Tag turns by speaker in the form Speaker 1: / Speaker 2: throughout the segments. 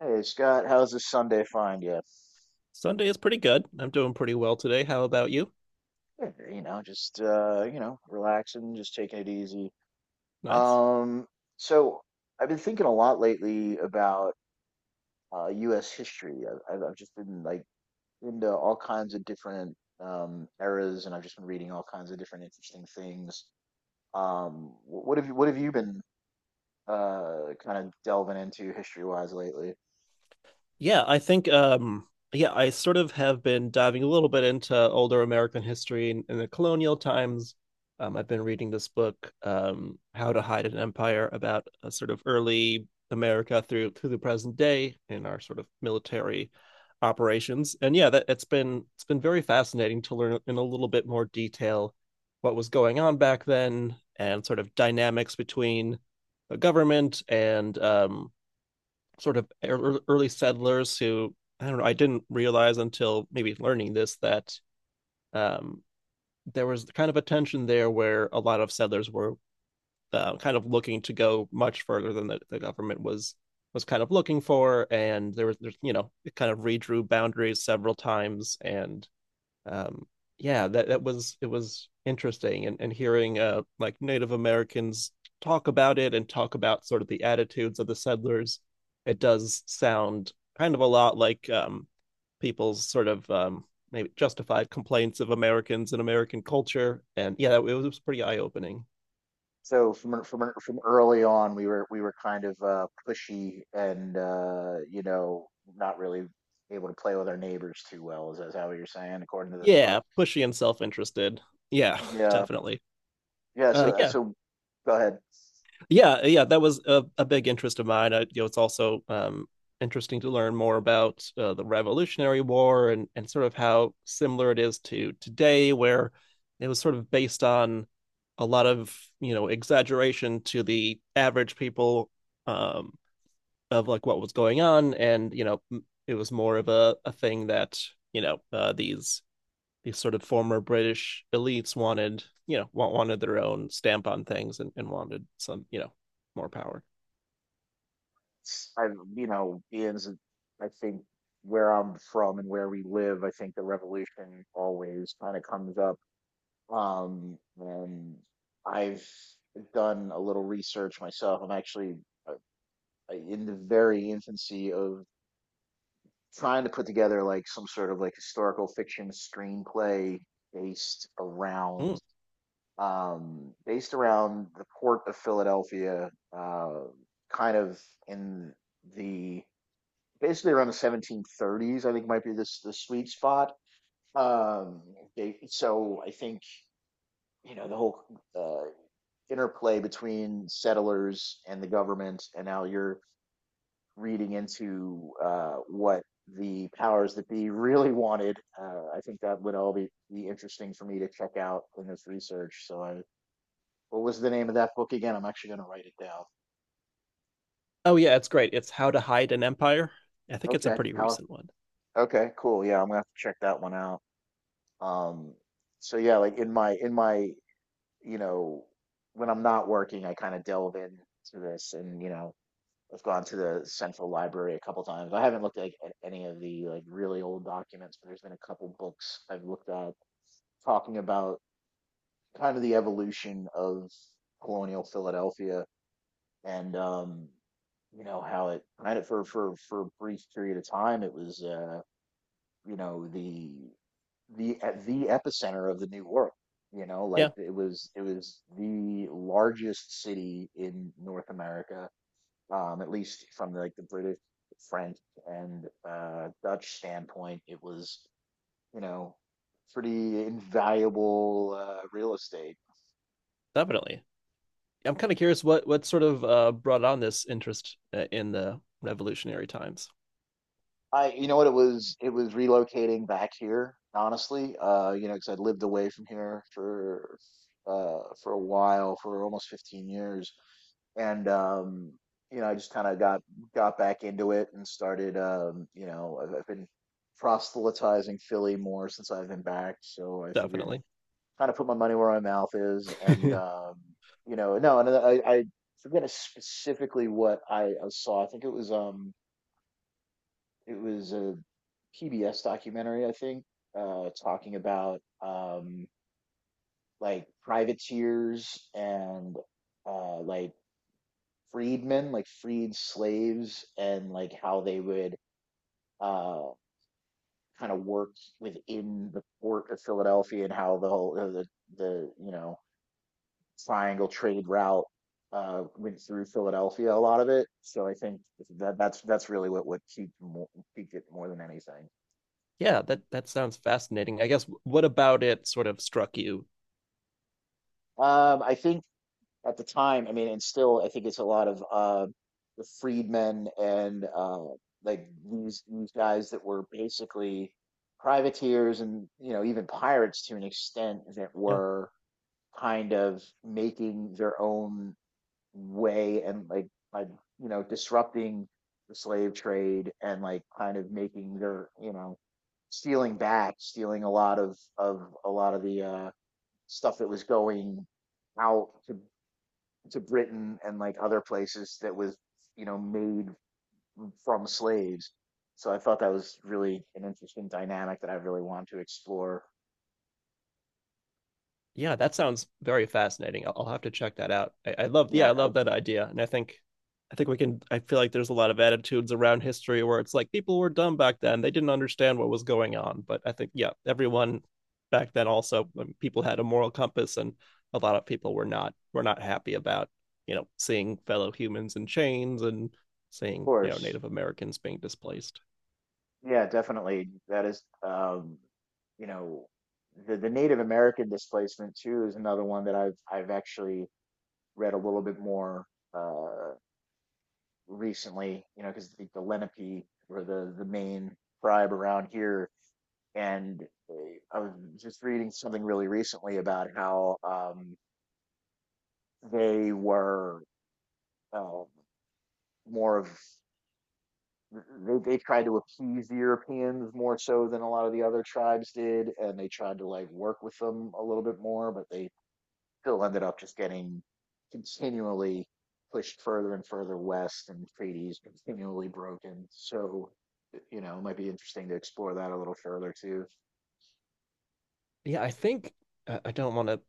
Speaker 1: Hey Scott, how's this Sunday find you?
Speaker 2: Sunday is pretty good. I'm doing pretty well today. How about you?
Speaker 1: Yeah, relaxing, just taking it easy.
Speaker 2: Nice.
Speaker 1: Um, so I've been thinking a lot lately about US history. I've just been like into all kinds of different eras, and I've just been reading all kinds of different interesting things. What have you been kind of delving into history-wise lately?
Speaker 2: Yeah, I think um yeah, I sort of have been diving a little bit into older American history in the colonial times. I've been reading this book, How to Hide an Empire, about a sort of early America through the present day in our sort of military operations. And yeah, that it's been very fascinating to learn in a little bit more detail what was going on back then and sort of dynamics between the government and sort of early settlers who, I don't know, I didn't realize until maybe learning this that um, there was kind of a tension there where a lot of settlers were kind of looking to go much further than the government was kind of looking for, and there's you know it kind of redrew boundaries several times, and um, yeah, that was interesting, and hearing like Native Americans talk about it and talk about sort of the attitudes of the settlers, it does sound kind of a lot like people's sort of maybe justified complaints of Americans and American culture. And yeah, that, it was pretty eye opening.
Speaker 1: So from early on, we were kind of pushy and not really able to play with our neighbors too well. Is that how you're saying, according to this book?
Speaker 2: Yeah, pushy and self interested. Yeah,
Speaker 1: Yeah,
Speaker 2: definitely.
Speaker 1: yeah.
Speaker 2: Uh,
Speaker 1: So
Speaker 2: yeah,
Speaker 1: go ahead.
Speaker 2: Yeah, yeah, that was a big interest of mine. I, you know, it's also interesting to learn more about the Revolutionary War and sort of how similar it is to today, where it was sort of based on a lot of you know exaggeration to the average people, um, of like what was going on, and you know it was more of a thing that you know these sort of former British elites wanted, you know, wanted their own stamp on things and wanted some, you know, more power.
Speaker 1: I you know Ian's. I think where I'm from and where we live, I think the revolution always kind of comes up. And I've done a little research myself. I'm actually uh, in the very infancy of trying to put together like some sort of like historical fiction screenplay based
Speaker 2: Mm.
Speaker 1: around based around the port of Philadelphia, uh kind of in the basically around the 1730s. I think might be this the sweet spot. um so I think you know the whole uh interplay between settlers and the government, and now you're reading into what the powers that be really wanted. I think that would all be, interesting for me to check out in this research. So, what was the name of that book again? I'm actually going to write it down.
Speaker 2: Oh yeah, it's great. It's How to Hide an Empire. I think it's a
Speaker 1: Okay.
Speaker 2: pretty
Speaker 1: How?
Speaker 2: recent one.
Speaker 1: Okay. Cool. Yeah, I'm gonna have to check that one out. Um. So yeah, like in my you know when I'm not working, I kind of delve into this, and you know I've gone to the central library a couple times. I haven't looked at, like, at any of the like really old documents, but there's been a couple books I've looked at talking about kind of the evolution of colonial Philadelphia, and you know how it kind of for a brief period of time it was you know the e- the epicenter of the new world. You know, like
Speaker 2: Yeah,
Speaker 1: it was the largest city in North America, at least from like the British, French, and Dutch standpoint. It was, you know, pretty invaluable real estate.
Speaker 2: definitely. I'm kind of curious what sort of brought on this interest in the revolutionary times.
Speaker 1: You know what, it was relocating back here, honestly. You know, because I'd lived away from here for a while, for almost 15 years, and you know, I just kind of got back into it and started. You know, I've been proselytizing Philly more since I've been back, so I figured
Speaker 2: Definitely.
Speaker 1: kind of put my money where my mouth is, and you know, no, and I forget specifically what I saw. I think it was a PBS documentary, I think, talking about like privateers and like freedmen, like freed slaves, and like how they would uh, kind of work within the port of Philadelphia, and how the whole the you know triangle trade route went through Philadelphia. A lot of it. So I think that's really what peaked peaked it more than anything.
Speaker 2: yeah, that that sounds fascinating. I guess what about it sort of struck you.
Speaker 1: I think at the time, I mean, and still, I think it's a lot of the freedmen and like these guys that were basically privateers and you know even pirates to an extent, that were kind of making their own way, and like by you know disrupting the slave trade, and like kind of making their you know stealing back, stealing a lot of the stuff that was going out to Britain and like other places, that was, you know, made from slaves. So I thought that was really an interesting dynamic that I really wanted to explore.
Speaker 2: Yeah, that sounds very fascinating. I'll have to check that out. I love, yeah,
Speaker 1: Yeah,
Speaker 2: I
Speaker 1: of
Speaker 2: love that idea, and I think we can. I feel like there's a lot of attitudes around history where it's like people were dumb back then; they didn't understand what was going on. But I think, yeah, everyone back then also, people had a moral compass, and a lot of people were not happy about you know seeing fellow humans in chains and seeing you know
Speaker 1: course.
Speaker 2: Native Americans being displaced.
Speaker 1: Yeah, definitely. That is, you know, the Native American displacement too is another one that I've actually read a little bit more uh, recently. You know, because the Lenape were the main tribe around here, and uh, I was just reading something really recently about how they were uh, more of they tried to appease the Europeans more so than a lot of the other tribes did, and they tried to like work with them a little bit more, but they still ended up just getting continually pushed further and further west, and treaties continually broken. So, you know, it might be interesting to explore that a little further too.
Speaker 2: Yeah, I think I don't want to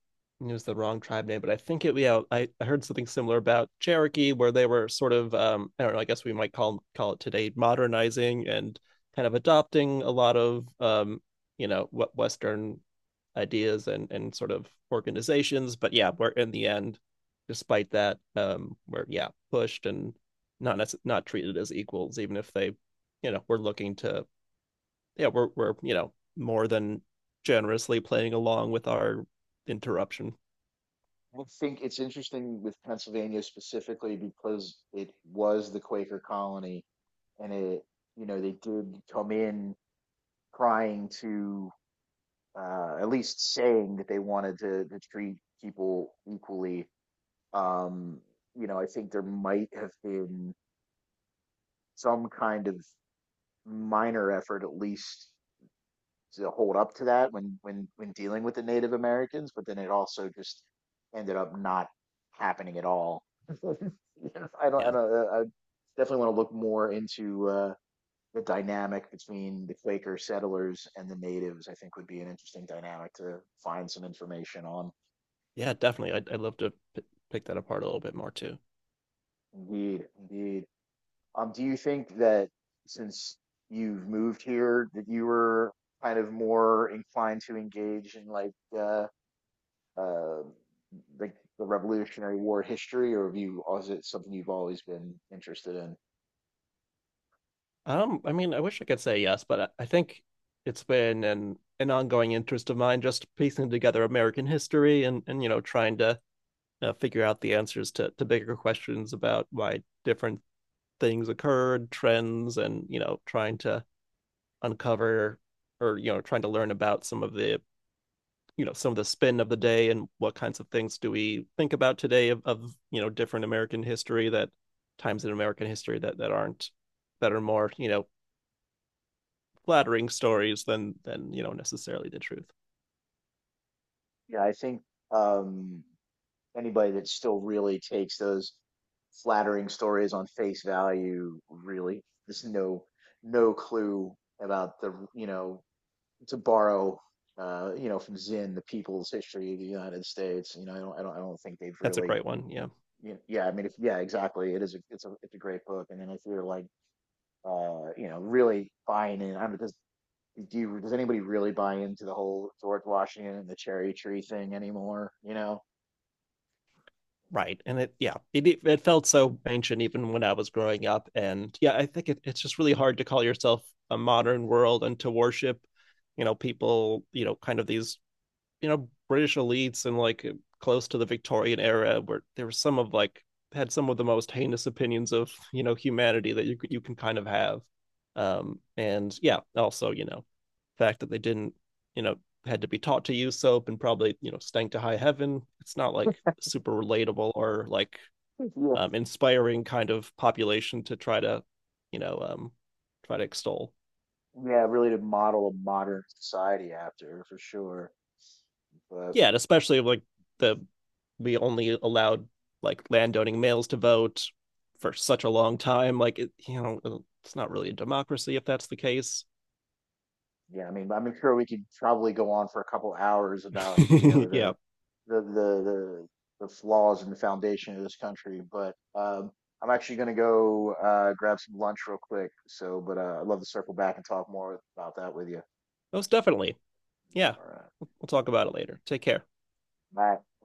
Speaker 2: use the wrong tribe name, but I think it. Yeah, I heard something similar about Cherokee, where they were sort of I don't know. I guess we might call it today modernizing and kind of adopting a lot of you know what Western ideas and sort of organizations. But yeah, we're in the end, despite that, we're yeah pushed and not treated as equals, even if they you know were looking to yeah, we're you know more than generously playing along with our interruption.
Speaker 1: I think it's interesting with Pennsylvania specifically because it was the Quaker colony, and it, you know, they did come in trying to, at least saying that they wanted to treat people equally. Um, you know, I think there might have been some kind of minor effort, at least, to hold up to that when when dealing with the Native Americans, but then it also just ended up not happening at all. I don't, I
Speaker 2: Yeah,
Speaker 1: don't, I definitely want to look more into the dynamic between the Quaker settlers and the natives. I think would be an interesting dynamic to find some information on.
Speaker 2: yeah, definitely. I'd love to pick that apart a little bit more too.
Speaker 1: Indeed, indeed. Do you think that since you've moved here, that you were kind of more inclined to engage in uh, um like the Revolutionary War history, or have you, or is it something you've always been interested in?
Speaker 2: I mean, I wish I could say yes, but I think it's been an ongoing interest of mine, just piecing together American history and you know trying to figure out the answers to bigger questions about why different things occurred, trends, and you know trying to uncover or you know trying to learn about some of the you know some of the spin of the day and what kinds of things do we think about today of, you know different american history that times in american history that that aren't, that are more you know flattering stories than you know necessarily the truth.
Speaker 1: Yeah, I think um, anybody that still really takes those flattering stories on face value, really there's no no clue about the you know, to borrow you know from Zinn, the people's history of the United States, you know, I don't think they've
Speaker 2: That's a
Speaker 1: really
Speaker 2: great one, yeah.
Speaker 1: yeah. I mean if, yeah, exactly, it is it's a great book. And then if you're like you know really buying in, I mean, there's do you, does anybody really buy into the whole George Washington and the cherry tree thing anymore? You know,
Speaker 2: Right, and it, yeah, it felt so ancient even when I was growing up, and yeah I think it, it's just really hard to call yourself a modern world and to worship you know people, you know, kind of these you know British elites, and like close to the Victorian era, where there were some of like had some of the most heinous opinions of you know humanity that you can kind of have, and yeah, also you know, the fact that they didn't you know had to be taught to use soap and probably you know stank to high heaven. It's not like super relatable, or like
Speaker 1: yeah,
Speaker 2: inspiring kind of population to try to you know try to extol.
Speaker 1: yeah, really to model a modern society after, for sure. But
Speaker 2: Yeah, and especially like the we only allowed like landowning males to vote for such a long time. Like it, you know, it's not really a democracy if that's the case.
Speaker 1: yeah, I mean, I'm sure we could probably go on for a couple hours about you know
Speaker 2: yeah,
Speaker 1: the the the, the flaws in the foundation of this country. But I'm actually going to go grab some lunch real quick. So, but I'd love to circle back and talk more about that with you.
Speaker 2: most definitely. Yeah,
Speaker 1: All right,
Speaker 2: we'll talk about it later. Take care.
Speaker 1: bye.